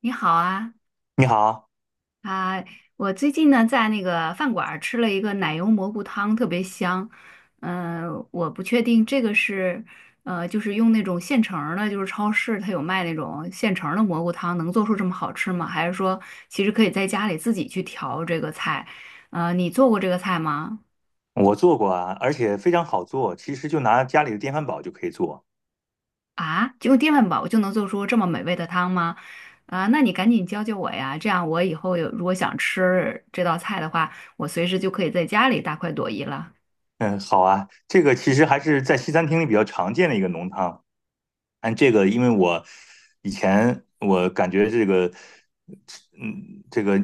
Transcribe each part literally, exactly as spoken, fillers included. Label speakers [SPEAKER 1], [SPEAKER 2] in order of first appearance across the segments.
[SPEAKER 1] 你好啊，
[SPEAKER 2] 你好，
[SPEAKER 1] 啊，我最近呢在那个饭馆儿吃了一个奶油蘑菇汤，特别香。嗯、我不确定这个是，呃，就是用那种现成儿的，就是超市它有卖那种现成儿的蘑菇汤，能做出这么好吃吗？还是说其实可以在家里自己去调这个菜？呃，你做过这个菜吗？
[SPEAKER 2] 我做过啊，而且非常好做，其实就拿家里的电饭煲就可以做。
[SPEAKER 1] 啊，就用电饭煲就能做出这么美味的汤吗？啊，那你赶紧教教我呀，这样我以后有如果想吃这道菜的话，我随时就可以在家里大快朵颐了。
[SPEAKER 2] 嗯，好啊，这个其实还是在西餐厅里比较常见的一个浓汤。按这个，因为我以前我感觉这个，嗯，这个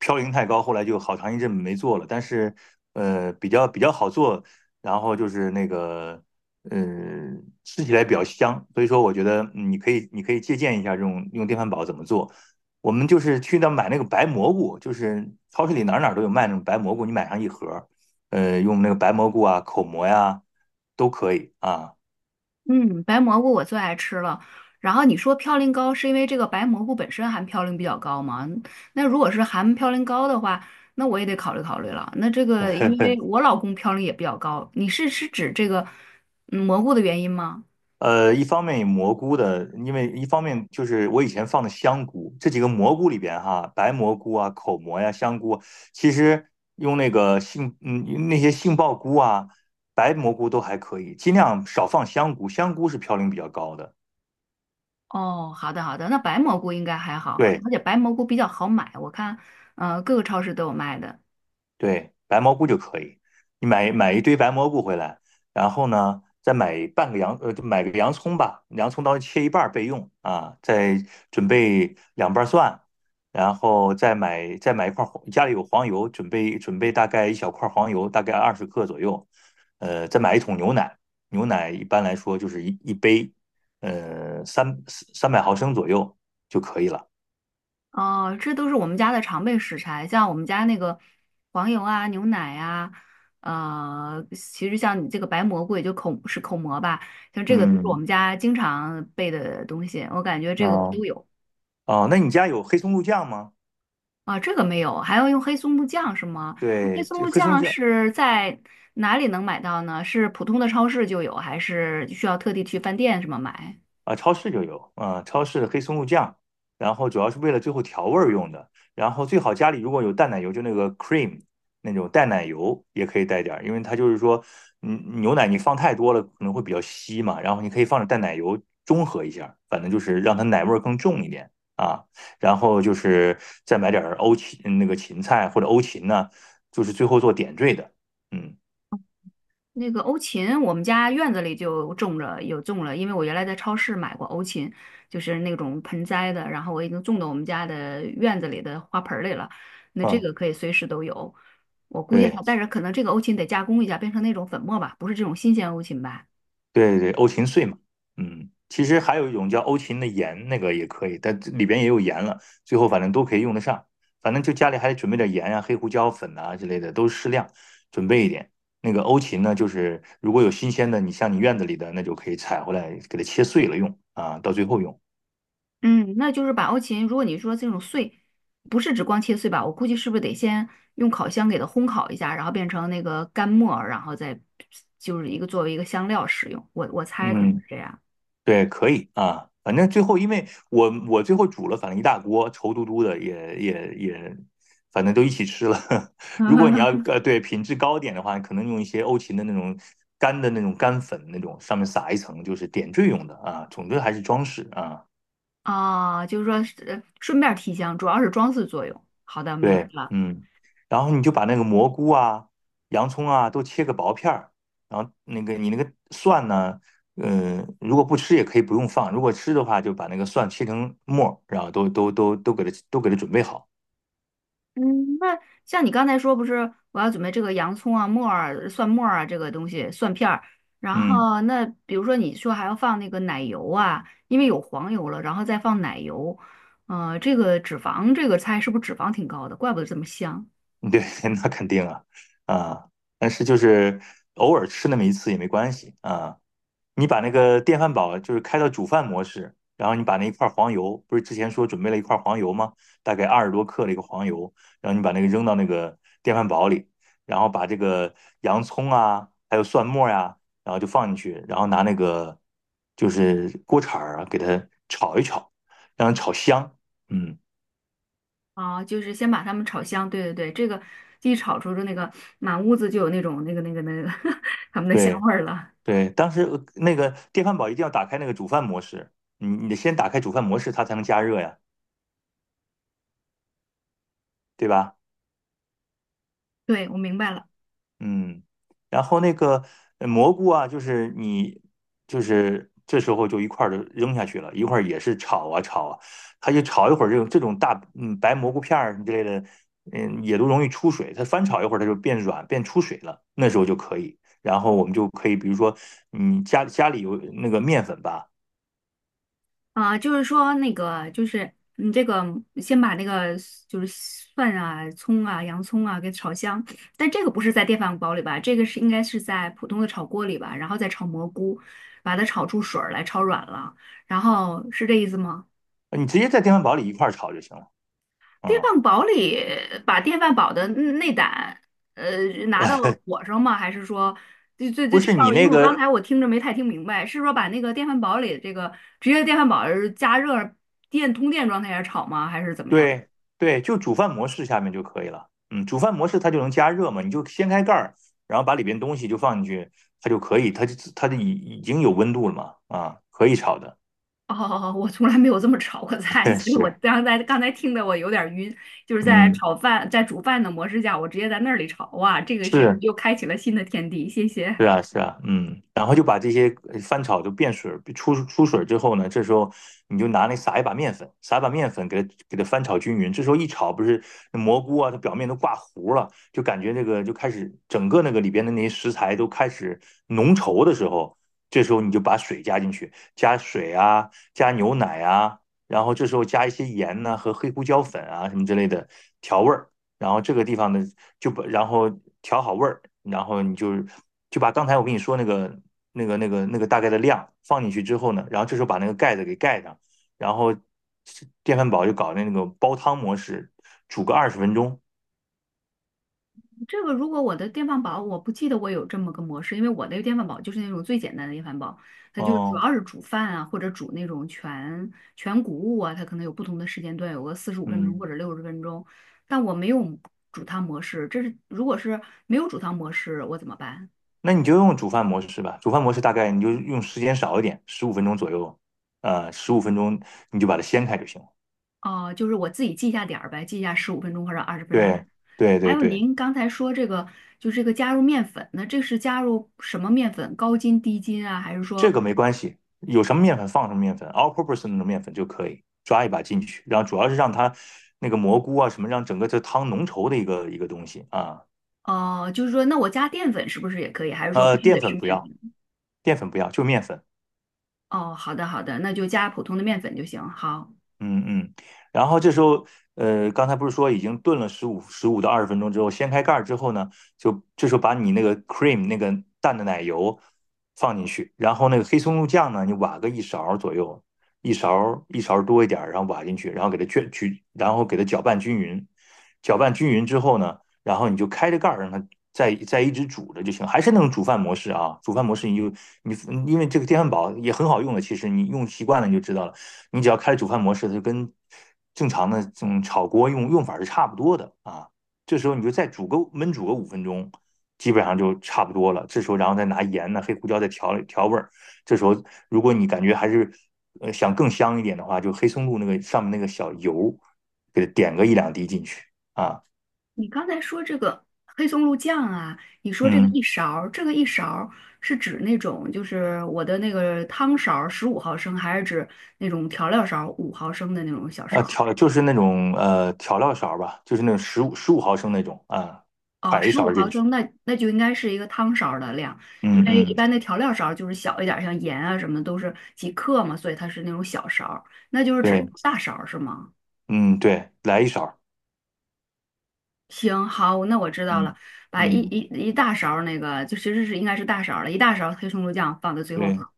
[SPEAKER 2] 嘌呤太高，后来就好长一阵没做了。但是，呃，比较比较好做，然后就是那个，嗯，吃起来比较香。所以说，我觉得嗯你可以你可以借鉴一下这种用电饭煲怎么做。我们就是去那买那个白蘑菇，就是超市里哪儿哪儿都有卖那种白蘑菇，你买上一盒儿呃，用那个白蘑菇啊、口蘑呀、都可以啊。
[SPEAKER 1] 嗯，白蘑菇我最爱吃了。然后你说嘌呤高是因为这个白蘑菇本身含嘌呤比较高吗？那如果是含嘌呤高的话，那我也得考虑考虑了。那这个因为我老公嘌呤也比较高，你是是指这个嗯蘑菇的原因吗？
[SPEAKER 2] 呃，一方面蘑菇的，因为一方面就是我以前放的香菇，这几个蘑菇里边哈，白蘑菇啊、口蘑呀、香菇，其实用那个杏，嗯，那些杏鲍菇啊、白蘑菇都还可以，尽量少放香菇，香菇是嘌呤比较高的。
[SPEAKER 1] 哦，好的好的，那白蘑菇应该还好，
[SPEAKER 2] 对，
[SPEAKER 1] 而且白蘑菇比较好买，我看，呃，各个超市都有卖的。
[SPEAKER 2] 对，白蘑菇就可以。你买买一堆白蘑菇回来，然后呢，再买半个洋呃，就买个洋葱吧，洋葱刀切一半儿备用啊。再准备两瓣蒜，然后再买再买一块儿黄，家里有黄油，准备准备大概一小块儿黄油，大概二十克左右。呃，再买一桶牛奶，牛奶一般来说就是一一杯，呃，三三百毫升左右就可以了。
[SPEAKER 1] 哦，这都是我们家的常备食材，像我们家那个黄油啊、牛奶啊，呃，其实像你这个白蘑菇，也就口是口蘑吧，像这个都是我
[SPEAKER 2] 嗯，
[SPEAKER 1] 们家经常备的东西，我感觉这个我
[SPEAKER 2] 哦，
[SPEAKER 1] 都有
[SPEAKER 2] 哦，那你家有黑松露酱吗？
[SPEAKER 1] 啊，这个没有，还要用黑松露酱是吗？那黑
[SPEAKER 2] 对，
[SPEAKER 1] 松
[SPEAKER 2] 这
[SPEAKER 1] 露
[SPEAKER 2] 黑松
[SPEAKER 1] 酱
[SPEAKER 2] 酱
[SPEAKER 1] 是在哪里能买到呢？是普通的超市就有，还是需要特地去饭店什么买？
[SPEAKER 2] 啊，超市就有啊，超市的黑松露酱，然后主要是为了最后调味儿用的。然后最好家里如果有淡奶油，就那个 cream 那种淡奶油也可以带点儿，因为它就是说，嗯，牛奶你放太多了可能会比较稀嘛，然后你可以放点淡奶油中和一下反正就是让它奶味儿更重一点啊。然后就是再买点儿欧芹嗯那个芹菜或者欧芹呢，就是最后做点缀的，嗯
[SPEAKER 1] 那个欧芹，我们家院子里就种着，有种了，因为我原来在超市买过欧芹，就是那种盆栽的，然后我已经种到我们家的院子里的花盆儿里了。那这
[SPEAKER 2] 嗯，
[SPEAKER 1] 个可以随时都有，我估计
[SPEAKER 2] 对。
[SPEAKER 1] 还，但是可能这个欧芹得加工一下，变成那种粉末吧，不是这种新鲜欧芹吧？
[SPEAKER 2] 对对，对，欧芹碎嘛，嗯，其实还有一种叫欧芹的盐，那个也可以，但里边也有盐了，最后反正都可以用得上，反正就家里还得准备点盐啊、黑胡椒粉啊之类的，都适量准备一点。那个欧芹呢，就是如果有新鲜的，你像你院子里的，那就可以采回来，给它切碎了用啊，到最后用。
[SPEAKER 1] 嗯，那就是把欧芹，如果你说这种碎，不是指光切碎吧，我估计是不是得先用烤箱给它烘烤一下，然后变成那个干末儿然后再就是一个作为一个香料使用，我我猜可能
[SPEAKER 2] 嗯，
[SPEAKER 1] 是这样。
[SPEAKER 2] 对，可以啊，反正最后因为我我最后煮了，反正一大锅稠嘟嘟的，也也也，反正都一起吃了。如果你要 呃对品质高点的话，可能用一些欧芹的那种干的那种干粉那种，上面撒一层，就是点缀用的啊。总之还是装饰啊。
[SPEAKER 1] 啊，就是说是呃顺便儿提香，主要是装饰作用。好的，明白
[SPEAKER 2] 对，
[SPEAKER 1] 了。
[SPEAKER 2] 嗯，然后你就把那个蘑菇啊、洋葱啊都切个薄片儿，然后那个你那个蒜呢，嗯，如果不吃也可以不用放，如果吃的话就把那个蒜切成末儿然后都都都都给它都给它准备好。
[SPEAKER 1] 嗯，那像你刚才说，不是我要准备这个洋葱啊、木耳、蒜末儿啊，这个东西蒜片儿。然
[SPEAKER 2] 嗯，
[SPEAKER 1] 后那比如说你说还要放那个奶油啊，因为有黄油了，然后再放奶油。呃，这个脂肪这个菜是不是脂肪挺高的？怪不得这么香
[SPEAKER 2] 对，那肯定啊，啊，但是就是偶尔吃那么一次也没关系啊。你把那个电饭煲就是开到煮饭模式，然后你把那一块黄油，不是之前说准备了一块黄油吗？大概二十多克的一个黄油，然后你把那个扔到那个电饭煲里，然后把这个洋葱啊，还有蒜末呀、然后就放进去，然后拿那个就是锅铲儿啊，给它炒一炒，让它炒香。嗯，
[SPEAKER 1] 啊！就是先把它们炒香。对对对，这个一炒出的那个满屋子就有那种那个那个那个 它们的香
[SPEAKER 2] 对
[SPEAKER 1] 味儿了。
[SPEAKER 2] 对，当时呃那个电饭煲一定要打开那个煮饭模式，你你得先打开煮饭模式，它才能加热呀，对吧？
[SPEAKER 1] 对，我明白了。
[SPEAKER 2] 嗯，然后那个呃蘑菇啊，就是你就是这时候就一块儿就扔下去了，一会儿也是炒啊炒啊，它就炒一会儿这种这种大嗯白蘑菇片儿之类的，嗯也都容易出水，它翻炒一会儿它就变软变出水了，那时候就可以，然后我们就可以比如说你家家里有那个面粉吧，
[SPEAKER 1] 啊，就是说那个，就是你这个先把那个就是蒜啊、葱啊、洋葱啊给炒香，但这个不是在电饭煲里吧？这个是应该是在普通的炒锅里吧？然后再炒蘑菇，把它炒出水儿来，炒软了，然后是这意思吗？
[SPEAKER 2] 你直接在电饭煲里一块儿炒就行了，
[SPEAKER 1] 电
[SPEAKER 2] 嗯，
[SPEAKER 1] 饭煲里把电饭煲的内胆，呃，拿到火上吗？还是说，这、这、
[SPEAKER 2] 不
[SPEAKER 1] 这这
[SPEAKER 2] 是
[SPEAKER 1] 块
[SPEAKER 2] 你
[SPEAKER 1] 儿因
[SPEAKER 2] 那
[SPEAKER 1] 为我刚
[SPEAKER 2] 个
[SPEAKER 1] 才我听着没太听明白，是说把那个电饭煲里这个直接电饭煲儿加热电通电状态下炒吗？还是怎么样？
[SPEAKER 2] 对对，就煮饭模式下面就可以了。嗯，煮饭模式它就能加热嘛，你就掀开盖儿，然后把里边东西就放进去，它就可以，它就它就已已经有温度了嘛，啊，可以炒的。
[SPEAKER 1] 哦，我从来没有这么炒过菜，所以我
[SPEAKER 2] 是，
[SPEAKER 1] 刚才刚才听得我有点儿晕，就是在
[SPEAKER 2] 嗯，
[SPEAKER 1] 炒饭在煮饭的模式下，我直接在那里炒，哇，这个是
[SPEAKER 2] 是。
[SPEAKER 1] 又开启了新的天地，谢谢。
[SPEAKER 2] 是啊，是啊，嗯，然后就把这些呃翻炒就变水儿，出出水儿之后呢，这时候你就拿那撒一把面粉，撒一把面粉给它给它翻炒均匀。这时候一炒，不是那蘑菇啊，它表面都挂糊了，就感觉那个就开始整个那个里边的那些食材都开始浓稠的时候，这时候你就把水加进去，加水啊，加牛奶啊，然后这时候加一些盐呐、和黑胡椒粉啊什么之类的调味儿。然后这个地方呢，就把然后调好味儿，然后你就就把刚才我跟你说那个那个那个那个大概的量放进去之后呢，然后这时候把那个盖子给盖上，然后电饭煲就搞那个煲汤模式，煮个二十分钟。
[SPEAKER 1] 这个如果我的电饭煲，我不记得我有这么个模式，因为我的电饭煲就是那种最简单的电饭煲，它就主
[SPEAKER 2] 哦，
[SPEAKER 1] 要是煮饭啊，或者煮那种全全谷物啊，它可能有不同的时间段，有个四十五分钟
[SPEAKER 2] 嗯，
[SPEAKER 1] 或者六十分钟，但我没有煮汤模式，这是如果是没有煮汤模式，我怎么办？
[SPEAKER 2] 那你就用煮饭模式吧，煮饭模式大概你就用时间少一点，十五分钟左右，呃，十五分钟你就把它掀开就行了。
[SPEAKER 1] 哦、就是我自己记一下点儿呗，记一下十五分钟或者二十分钟。
[SPEAKER 2] 对对
[SPEAKER 1] 还
[SPEAKER 2] 对
[SPEAKER 1] 有
[SPEAKER 2] 对。
[SPEAKER 1] 您刚才说这个，就是这个加入面粉，那这是加入什么面粉？高筋、低筋啊，还是
[SPEAKER 2] 这
[SPEAKER 1] 说？
[SPEAKER 2] 个没关系，有什么面粉放什么面粉，all purpose 那种面粉就可以抓一把进去，然后主要是让它那个蘑菇啊什么，让整个这汤浓稠的一个一个东西啊。
[SPEAKER 1] 哦，就是说，那我加淀粉是不是也可以？还是说
[SPEAKER 2] 呃，
[SPEAKER 1] 必须
[SPEAKER 2] 淀
[SPEAKER 1] 得是
[SPEAKER 2] 粉不
[SPEAKER 1] 面
[SPEAKER 2] 要，
[SPEAKER 1] 粉？
[SPEAKER 2] 淀粉不要，就面粉。
[SPEAKER 1] 哦，好的好的，那就加普通的面粉就行。好，
[SPEAKER 2] 嗯嗯，然后这时候，呃，刚才不是说已经炖了十五十五到二十分钟之后，掀开盖儿之后呢，就这时候把你那个 cream 那个淡的奶油放进去，然后那个黑松露酱呢，你挖个一勺儿左右，一勺儿一勺儿多一点儿，然后挖进去，然后给它卷去，然后给它搅拌均匀，搅拌均匀之后呢，然后你就开着盖儿让它再再一直煮着就行，还是那种煮饭模式啊。煮饭模式你就你因为这个电饭煲也很好用的，其实你用习惯了你就知道了。你只要开煮饭模式，它就跟正常的这种炒锅用用法是差不多的啊。这时候你就再煮个焖煮个五分钟，基本上就差不多了。这时候然后再拿盐呢、黑胡椒再调调味儿。这时候如果你感觉还是呃想更香一点的话，就黑松露那个上面那个小油给它点个一两滴进去啊，
[SPEAKER 1] 你刚才说这个黑松露酱啊，你说这个
[SPEAKER 2] 嗯。
[SPEAKER 1] 一勺儿，这个一勺儿是指那种就是我的那个汤勺十五毫升，还是指那种调料勺五毫升的那种小勺
[SPEAKER 2] 呃，
[SPEAKER 1] 儿？
[SPEAKER 2] 调就是那种呃调料勺吧，就是那种十五十五毫升那种啊，
[SPEAKER 1] 哦，
[SPEAKER 2] 㧟一
[SPEAKER 1] 十五
[SPEAKER 2] 勺进
[SPEAKER 1] 毫
[SPEAKER 2] 去。
[SPEAKER 1] 升，那那就应该是一个汤勺儿的量，因
[SPEAKER 2] 嗯
[SPEAKER 1] 为一
[SPEAKER 2] 嗯，
[SPEAKER 1] 般的调料勺儿就是小一点儿，像盐啊什么的都是几克嘛，所以它是那种小勺儿，那就是指
[SPEAKER 2] 对，
[SPEAKER 1] 大勺儿是吗？
[SPEAKER 2] 嗯对，来一勺。
[SPEAKER 1] 行，好，那我知道
[SPEAKER 2] 嗯
[SPEAKER 1] 了，把一
[SPEAKER 2] 嗯，
[SPEAKER 1] 一一大勺儿那个，就其实是应该是大勺儿了，一大勺儿黑松露酱放在最后放，
[SPEAKER 2] 对，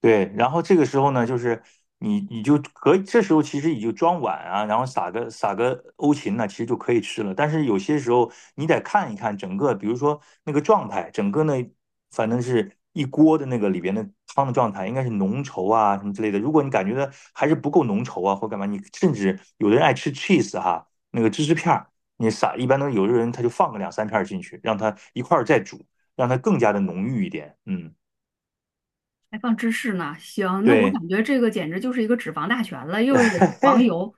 [SPEAKER 2] 对，然后这个时候呢，就是你你就可以，这时候其实你就装碗啊，然后撒个撒个欧芹呢，其实就可以吃了。但是有些时候你得看一看整个，比如说那个状态，整个呢，反正是一锅的那个里边的汤的状态，应该是浓稠啊什么之类的。如果你感觉到还是不够浓稠啊，或干嘛，你甚至有的人爱吃 cheese 哈，那个芝士片儿，你撒一般都有的人他就放个两三片儿进去，让它一块儿再煮，让它更加的浓郁一点。嗯，
[SPEAKER 1] 还放芝士呢。行，那我
[SPEAKER 2] 对。
[SPEAKER 1] 感觉这个简直就是一个脂肪大全了，又是有黄 油，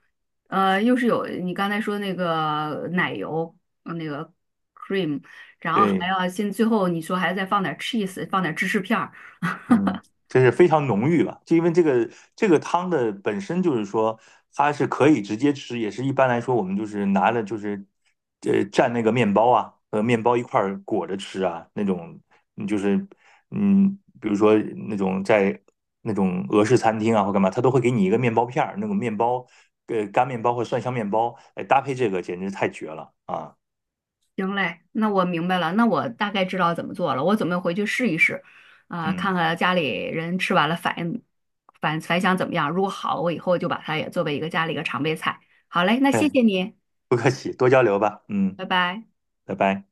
[SPEAKER 1] 呃，又是有你刚才说那个奶油，呃那个 cream，然后还
[SPEAKER 2] 对，
[SPEAKER 1] 要先最后你说还要再放点 cheese，放点芝士片儿。
[SPEAKER 2] 嗯，这是非常浓郁吧？就因为这个这个汤的本身就是说，它是可以直接吃，也是一般来说我们就是拿了就是呃蘸那个面包啊和面包一块儿裹着吃啊那种，嗯就是嗯，比如说那种在那种俄式餐厅啊或干嘛，他都会给你一个面包片儿，那种面包呃干面包或蒜香面包，哎搭配这个简直太绝了啊！
[SPEAKER 1] 行嘞，那我明白了，那我大概知道怎么做了，我准备回去试一试，啊、看
[SPEAKER 2] 嗯，
[SPEAKER 1] 看家里人吃完了反应反反响怎么样，如果好，我以后就把它也作为一个家里一个常备菜。好嘞，那谢
[SPEAKER 2] 哎，
[SPEAKER 1] 谢你，
[SPEAKER 2] 不客气，多交流吧，嗯，
[SPEAKER 1] 拜拜。
[SPEAKER 2] 拜拜。